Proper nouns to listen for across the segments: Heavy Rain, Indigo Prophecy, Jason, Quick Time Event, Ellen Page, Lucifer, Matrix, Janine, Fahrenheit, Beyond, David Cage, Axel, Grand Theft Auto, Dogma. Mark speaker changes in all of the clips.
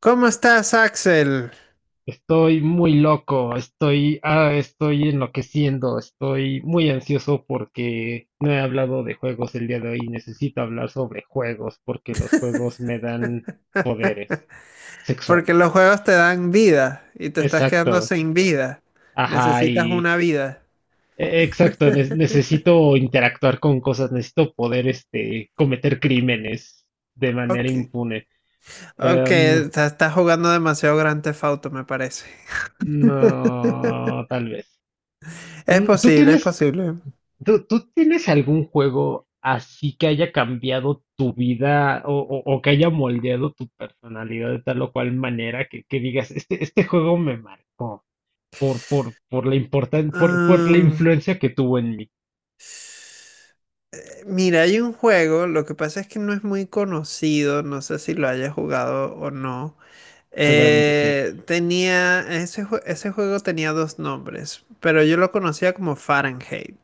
Speaker 1: ¿Cómo estás, Axel?
Speaker 2: Estoy muy loco, estoy enloqueciendo, estoy muy ansioso porque no he hablado de juegos el día de hoy. Necesito hablar sobre juegos porque los juegos me dan poderes
Speaker 1: Porque los
Speaker 2: sexuales.
Speaker 1: juegos te dan vida y te estás quedando
Speaker 2: Exacto,
Speaker 1: sin vida.
Speaker 2: ajá,
Speaker 1: Necesitas
Speaker 2: y
Speaker 1: una vida.
Speaker 2: exacto, necesito interactuar con cosas, necesito poder, cometer crímenes de manera
Speaker 1: Ok,
Speaker 2: impune.
Speaker 1: ok,
Speaker 2: Em,
Speaker 1: te estás jugando demasiado Grand Theft Auto, me parece.
Speaker 2: no, tal vez.
Speaker 1: Es
Speaker 2: Mm, ¿Tú
Speaker 1: posible, es
Speaker 2: tienes
Speaker 1: posible.
Speaker 2: tú tienes algún juego así que haya cambiado tu vida o que haya moldeado tu personalidad de tal o cual manera que digas, este juego me marcó por la
Speaker 1: Ah,
Speaker 2: influencia que tuvo en mí?
Speaker 1: mira, hay un juego, lo que pasa es que no es muy conocido, no sé si lo hayas jugado o no.
Speaker 2: Seguramente sí.
Speaker 1: Tenía, ese, ese juego tenía dos nombres, pero yo lo conocía como Fahrenheit.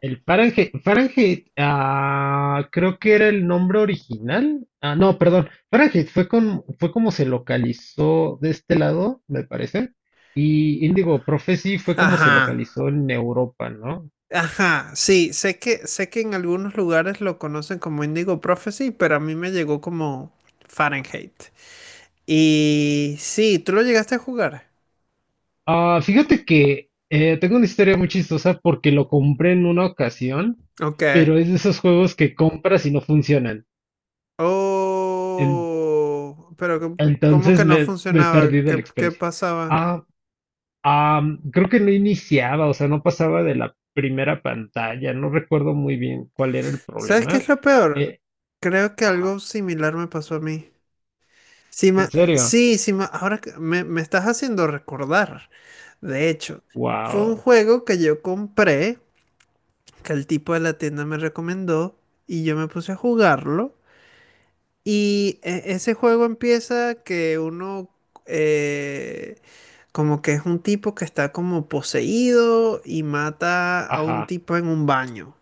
Speaker 2: El Fahrenheit, creo que era el nombre original. Ah, no, perdón. Fahrenheit fue como se localizó de este lado, me parece. Y Indigo Prophecy fue como se
Speaker 1: Ajá.
Speaker 2: localizó en Europa, ¿no?
Speaker 1: Ajá, sí, sé que en algunos lugares lo conocen como Indigo Prophecy, pero a mí me llegó como Fahrenheit. Y sí, ¿tú lo llegaste a jugar?
Speaker 2: Ah, fíjate que tengo una historia muy chistosa porque lo compré en una ocasión,
Speaker 1: Ok.
Speaker 2: pero es de esos juegos que compras y no funcionan. En-
Speaker 1: Oh, pero ¿cómo cómo
Speaker 2: entonces
Speaker 1: que no
Speaker 2: me perdí
Speaker 1: funcionaba?
Speaker 2: de la
Speaker 1: ¿Qué, qué
Speaker 2: experiencia.
Speaker 1: pasaba?
Speaker 2: Ah, creo que no iniciaba, o sea, no pasaba de la primera pantalla. No recuerdo muy bien cuál era el
Speaker 1: ¿Sabes qué
Speaker 2: problema.
Speaker 1: es lo peor?
Speaker 2: Eh,
Speaker 1: Creo que
Speaker 2: ajá,
Speaker 1: algo similar me pasó a mí. Sí,
Speaker 2: en serio.
Speaker 1: sí, sí, ahora que me estás haciendo recordar. De hecho, fue un
Speaker 2: Wow.
Speaker 1: juego que yo compré, que el tipo de la tienda me recomendó y yo me puse a jugarlo. Y ese juego empieza que uno eh, como que es un tipo que está como poseído y mata a un
Speaker 2: Ajá.
Speaker 1: tipo en un baño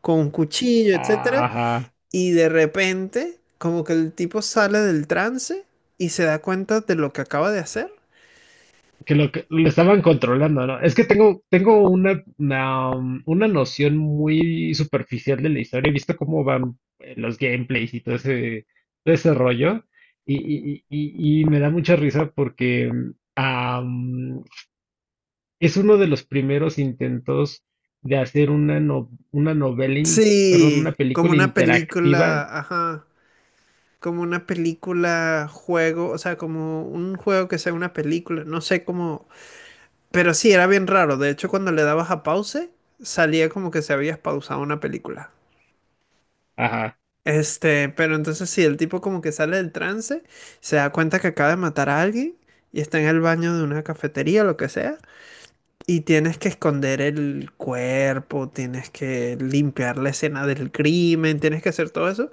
Speaker 1: con un cuchillo, etcétera.
Speaker 2: Ajá.
Speaker 1: Y de repente como que el tipo sale del trance y se da cuenta de lo que acaba de hacer.
Speaker 2: Que lo estaban controlando, ¿no? Es que tengo una noción muy superficial de la historia. He visto cómo van los gameplays y todo ese rollo. Y, y me da mucha risa porque es uno de los primeros intentos de hacer una, no- una novela, perdón, una
Speaker 1: Sí, como
Speaker 2: película
Speaker 1: una película,
Speaker 2: interactiva.
Speaker 1: ajá. Como una película juego, o sea, como un juego que sea una película, no sé cómo, pero sí, era bien raro. De hecho, cuando le dabas a pause, salía como que se había pausado una película.
Speaker 2: Ajá,
Speaker 1: Este, pero entonces sí, el tipo como que sale del trance, se da cuenta que acaba de matar a alguien y está en el baño de una cafetería, lo que sea, y tienes que esconder el cuerpo, tienes que limpiar la escena del crimen, tienes que hacer todo eso.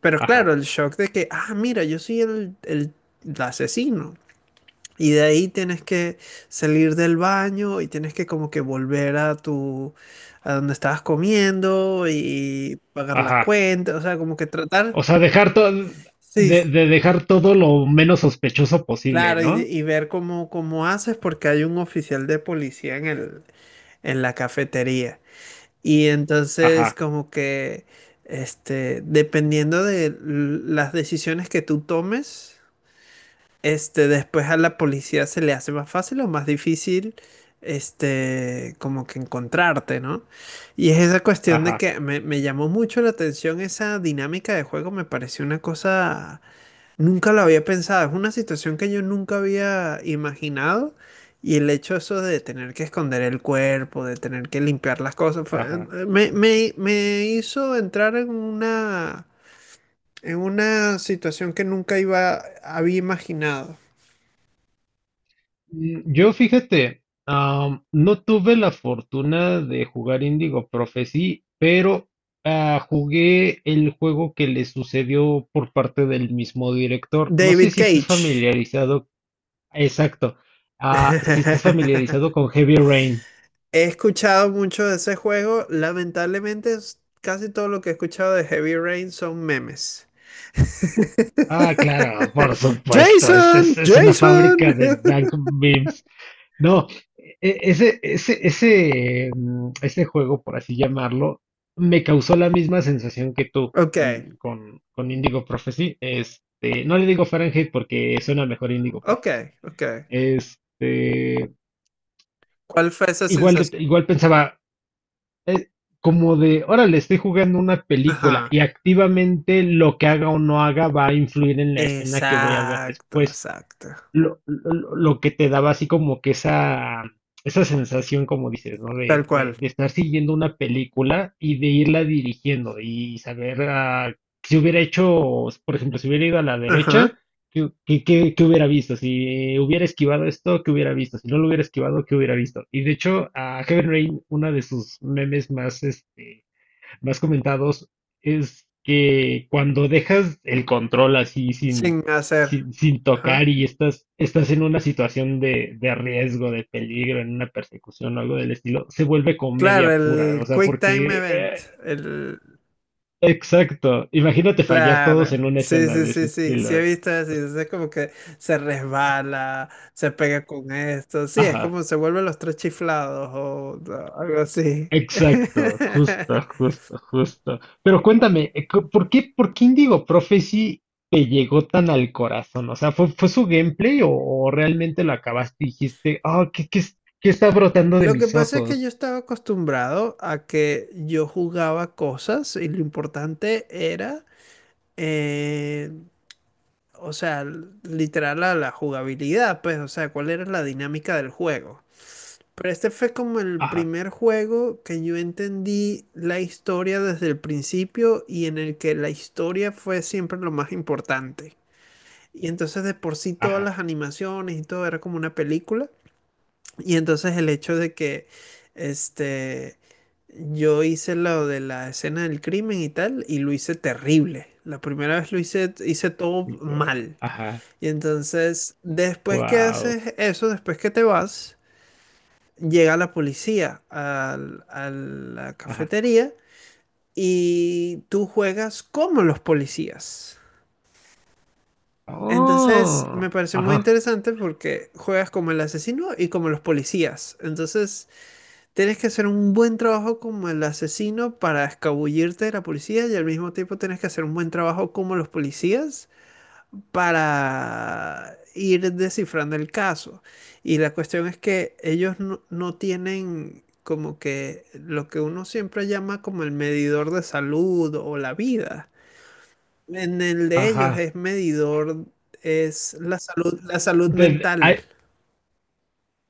Speaker 1: Pero
Speaker 2: ajá,
Speaker 1: claro, el shock de que, ah, mira, yo soy el, el asesino. Y de ahí tienes que salir del baño y tienes que como que volver a tu, a donde estabas comiendo y pagar la
Speaker 2: ajá.
Speaker 1: cuenta. O sea, como que
Speaker 2: O
Speaker 1: tratar.
Speaker 2: sea, dejar todo,
Speaker 1: Sí,
Speaker 2: de
Speaker 1: sí,
Speaker 2: de dejar todo lo menos sospechoso posible,
Speaker 1: claro,
Speaker 2: ¿no?
Speaker 1: y ver cómo, cómo haces porque hay un oficial de policía en el, en la cafetería. Y entonces
Speaker 2: Ajá,
Speaker 1: como que, este, dependiendo de las decisiones que tú tomes. Este, después a la policía se le hace más fácil o más difícil, este, como que encontrarte, ¿no? Y es esa cuestión de
Speaker 2: ajá,
Speaker 1: que me llamó mucho la atención esa dinámica de juego, me pareció una cosa, nunca lo había pensado, es una situación que yo nunca había imaginado y el hecho eso de tener que esconder el cuerpo, de tener que limpiar las cosas,
Speaker 2: ajá.
Speaker 1: me, me, me hizo entrar en una situación que nunca iba, había imaginado.
Speaker 2: Yo fíjate, no tuve la fortuna de jugar Indigo Prophecy, pero jugué el juego que le sucedió por parte del mismo director. No sé
Speaker 1: David
Speaker 2: si estés
Speaker 1: Cage.
Speaker 2: familiarizado, exacto, si estés familiarizado con Heavy Rain.
Speaker 1: He escuchado mucho de ese juego. Lamentablemente, casi todo lo que he escuchado de Heavy Rain son memes.
Speaker 2: Ah, claro, por supuesto, es, es,
Speaker 1: Jason,
Speaker 2: es una fábrica
Speaker 1: Jason.
Speaker 2: de dank memes. No, ese juego, por así llamarlo, me causó la misma sensación que tú
Speaker 1: Ok,
Speaker 2: con Indigo Prophecy. No le digo Fahrenheit porque suena mejor Indigo
Speaker 1: ok,
Speaker 2: Prophecy.
Speaker 1: ok.
Speaker 2: Este,
Speaker 1: ¿Cuál fue esa
Speaker 2: igual, de-
Speaker 1: sensación?
Speaker 2: igual pensaba, eh, como de, órale, estoy jugando una película
Speaker 1: Ajá.
Speaker 2: y activamente lo que haga o no haga va a influir en la escena que voy a ver
Speaker 1: Exacto,
Speaker 2: después.
Speaker 1: exacto.
Speaker 2: Lo que te daba así como que esa sensación, como dices, ¿no?
Speaker 1: Tal
Speaker 2: De, de,
Speaker 1: cual.
Speaker 2: de estar siguiendo una película y de irla dirigiendo y saber si hubiera hecho, por ejemplo, si hubiera ido a la
Speaker 1: Ajá.
Speaker 2: derecha, ¿qué hubiera visto? Si hubiera esquivado esto, ¿qué hubiera visto? Si no lo hubiera esquivado, ¿qué hubiera visto? Y de hecho, a Heaven Rain, una de sus memes más comentados es que cuando dejas el control así sin,
Speaker 1: Sin hacer.
Speaker 2: sin, sin
Speaker 1: Ajá.
Speaker 2: tocar y estás en una situación de riesgo, de peligro, en una persecución o algo del estilo, se vuelve
Speaker 1: Claro,
Speaker 2: comedia pura. O
Speaker 1: el
Speaker 2: sea,
Speaker 1: Quick Time
Speaker 2: porque,
Speaker 1: Event. El...
Speaker 2: exacto. Imagínate fallar todos en
Speaker 1: Claro,
Speaker 2: una
Speaker 1: sí,
Speaker 2: escena
Speaker 1: sí,
Speaker 2: de ese
Speaker 1: sí, sí, sí he
Speaker 2: estilo.
Speaker 1: visto eso, y entonces es como que se resbala, se pega con esto, sí, es
Speaker 2: Ajá.
Speaker 1: como se vuelven los tres chiflados o algo así.
Speaker 2: Exacto, justo, justo, justo. Pero cuéntame, ¿por qué Indigo Prophecy te llegó tan al corazón? O sea, ¿fue su gameplay o realmente lo acabaste y dijiste, ¿qué está brotando de
Speaker 1: Lo que
Speaker 2: mis
Speaker 1: pasa es que yo
Speaker 2: ojos?
Speaker 1: estaba acostumbrado a que yo jugaba cosas y lo importante era, eh, o sea, literal a la jugabilidad, pues, o sea, cuál era la dinámica del juego. Pero este fue como el
Speaker 2: Ajá,
Speaker 1: primer juego que yo entendí la historia desde el principio y en el que la historia fue siempre lo más importante. Y entonces de por sí todas
Speaker 2: ajá,
Speaker 1: las animaciones y todo era como una película. Y entonces el hecho de que este yo hice lo de la escena del crimen y tal y lo hice terrible. La primera vez lo hice todo mal.
Speaker 2: ajá,
Speaker 1: Y entonces después que
Speaker 2: wow,
Speaker 1: haces eso, después que te vas llega la policía a la
Speaker 2: ajá.
Speaker 1: cafetería y tú juegas como los policías. Entonces
Speaker 2: Oh,
Speaker 1: me parece muy
Speaker 2: ajá,
Speaker 1: interesante porque juegas como el asesino y como los policías. Entonces tienes que hacer un buen trabajo como el asesino para escabullirte de la policía y al mismo tiempo tienes que hacer un buen trabajo como los policías para ir descifrando el caso. Y la cuestión es que ellos no, no tienen como que lo que uno siempre llama como el medidor de salud o la vida. En el de ellos
Speaker 2: ajá.
Speaker 1: es medidor, es la salud
Speaker 2: Desde- ah,
Speaker 1: mental.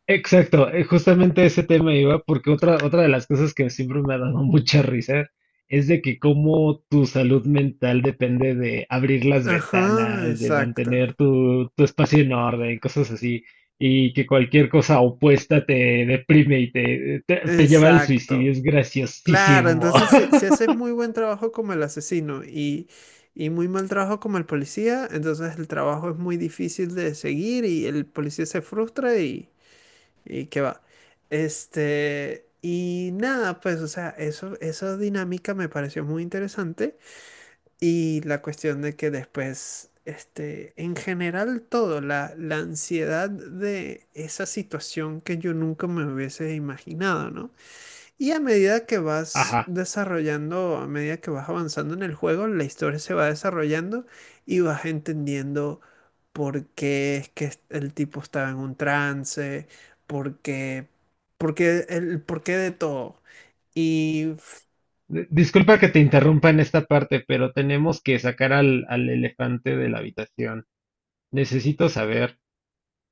Speaker 2: Exacto, justamente ese tema iba porque otra de las cosas que siempre me ha dado mucha risa es de que cómo tu salud mental depende de abrir las
Speaker 1: Ajá,
Speaker 2: ventanas, de
Speaker 1: exacto.
Speaker 2: mantener tu espacio en orden, cosas así, y que cualquier cosa opuesta te deprime y te lleva al suicidio,
Speaker 1: Exacto.
Speaker 2: es
Speaker 1: Claro,
Speaker 2: graciosísimo.
Speaker 1: entonces si, si haces muy buen trabajo como el asesino y muy mal trabajo como el policía, entonces el trabajo es muy difícil de seguir y el policía se frustra y qué va. Este, y nada, pues, o sea, eso, esa dinámica me pareció muy interesante y la cuestión de que después, este, en general todo, la ansiedad de esa situación que yo nunca me hubiese imaginado, ¿no? Y a medida que vas
Speaker 2: Ajá.
Speaker 1: desarrollando, a medida que vas avanzando en el juego, la historia se va desarrollando y vas entendiendo por qué es que el tipo estaba en un trance, por qué, por qué, el por qué de todo. Y...
Speaker 2: Disculpa que te interrumpa en esta parte, pero tenemos que sacar al elefante de la habitación. Necesito saber.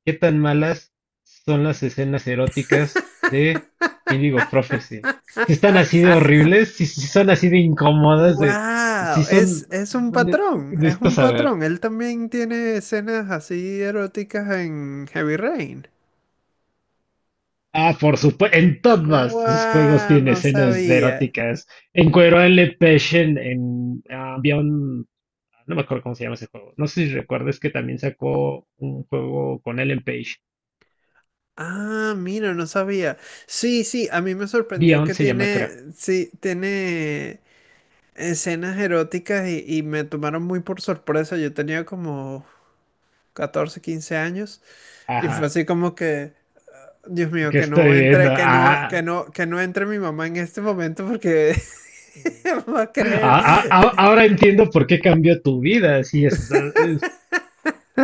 Speaker 2: ¿Qué tan malas son las escenas eróticas de Indigo Prophecy? Si están así de horribles, si son así de incómodas, de, si
Speaker 1: ¡Wow!
Speaker 2: son.
Speaker 1: Es un
Speaker 2: ne-
Speaker 1: patrón, es
Speaker 2: Necesito
Speaker 1: un
Speaker 2: saber.
Speaker 1: patrón. Él también tiene escenas así eróticas en Heavy Rain.
Speaker 2: Ah, por supuesto, en todos sus juegos
Speaker 1: ¡Wow!
Speaker 2: tiene
Speaker 1: No
Speaker 2: escenas
Speaker 1: sabía.
Speaker 2: eróticas. Encuero a Ellen Page en. No me acuerdo cómo se llama ese juego. No sé si recuerdas que también sacó un juego con Ellen Page.
Speaker 1: Ah, mira, no sabía. Sí, sí, a mí me sorprendió
Speaker 2: Beyond
Speaker 1: que
Speaker 2: se llama,
Speaker 1: tiene,
Speaker 2: creo.
Speaker 1: sí, tiene escenas eróticas y me tomaron muy por sorpresa. Yo tenía como 14, 15 años y fue
Speaker 2: Ajá.
Speaker 1: así como que, Dios mío,
Speaker 2: ¿Qué
Speaker 1: que no
Speaker 2: estoy viendo?
Speaker 1: entre, que no, que
Speaker 2: Ah,
Speaker 1: no, que no entre mi mamá en este momento porque va a creer.
Speaker 2: Ahora entiendo por qué cambió tu vida. Sí, es-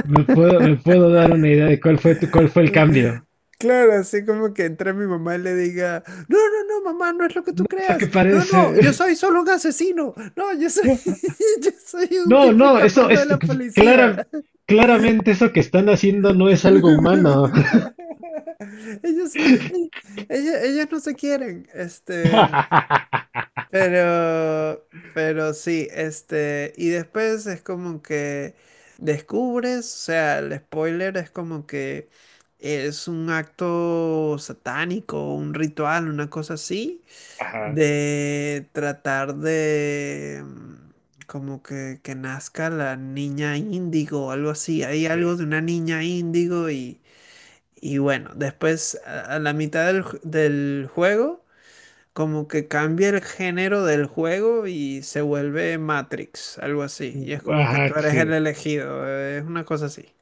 Speaker 2: me puedo dar una idea de cuál fue tu, cuál fue el cambio.
Speaker 1: Claro, así como que entre mi mamá y le diga, no, no, no, mamá, no es lo que
Speaker 2: No
Speaker 1: tú
Speaker 2: es lo que
Speaker 1: creas, no, no, yo
Speaker 2: parece.
Speaker 1: soy solo un asesino, no, yo soy, yo soy un
Speaker 2: No,
Speaker 1: tipo
Speaker 2: no, eso
Speaker 1: escapando de
Speaker 2: es
Speaker 1: la policía.
Speaker 2: clara, claramente eso que están haciendo no es algo humano.
Speaker 1: Ellos, ellos no se quieren, este, Pero, pero sí, este, y después es como que descubres, o sea, el spoiler es como que es un acto satánico, un ritual, una cosa así,
Speaker 2: Ajá,
Speaker 1: de tratar de como que nazca la niña índigo o algo así. Hay
Speaker 2: sí.
Speaker 1: algo de una niña índigo y bueno, después a la mitad del juego. Como que cambia el género del juego y se vuelve Matrix, algo así. Y es como que tú
Speaker 2: Ajá,
Speaker 1: eres el
Speaker 2: sí.
Speaker 1: elegido, es una cosa así.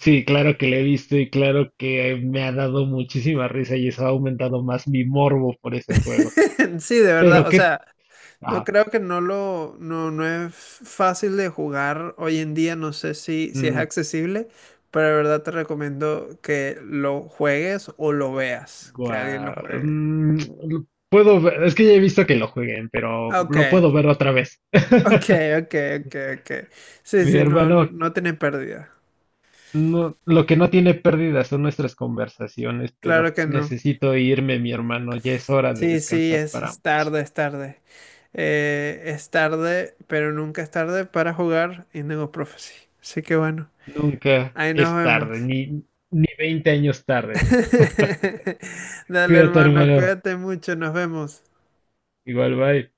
Speaker 2: Sí, claro que le he visto y claro que me ha dado muchísima risa y eso ha aumentado más mi morbo por ese juego.
Speaker 1: Sí, de verdad,
Speaker 2: Pero
Speaker 1: o
Speaker 2: qué.
Speaker 1: sea, no
Speaker 2: Ajá.
Speaker 1: creo que no lo, no, no es fácil de jugar hoy en día, no sé si, si es
Speaker 2: Mm.
Speaker 1: accesible, pero de verdad te recomiendo que lo juegues o lo veas, que alguien lo
Speaker 2: Guau,
Speaker 1: juegue.
Speaker 2: mm, lo puedo ver, es que ya he visto que lo jueguen, pero
Speaker 1: Ok,
Speaker 2: lo puedo ver otra vez.
Speaker 1: ok, ok, ok, ok. Sí,
Speaker 2: Mi
Speaker 1: sí, no,
Speaker 2: hermano,
Speaker 1: no no tiene pérdida.
Speaker 2: no, lo que no tiene pérdida son nuestras conversaciones, pero
Speaker 1: Claro que no.
Speaker 2: necesito irme, mi hermano, ya es hora de
Speaker 1: Sí, sí,
Speaker 2: descansar para
Speaker 1: es
Speaker 2: ambos.
Speaker 1: tarde, es tarde. Es tarde, pero nunca es tarde para jugar Indigo Prophecy. Así que bueno,
Speaker 2: Nunca
Speaker 1: ahí nos
Speaker 2: es tarde,
Speaker 1: vemos.
Speaker 2: ni 20 años tardes.
Speaker 1: Dale,
Speaker 2: Cuídate,
Speaker 1: hermano,
Speaker 2: hermano.
Speaker 1: cuídate mucho, nos vemos.
Speaker 2: Igual, bye.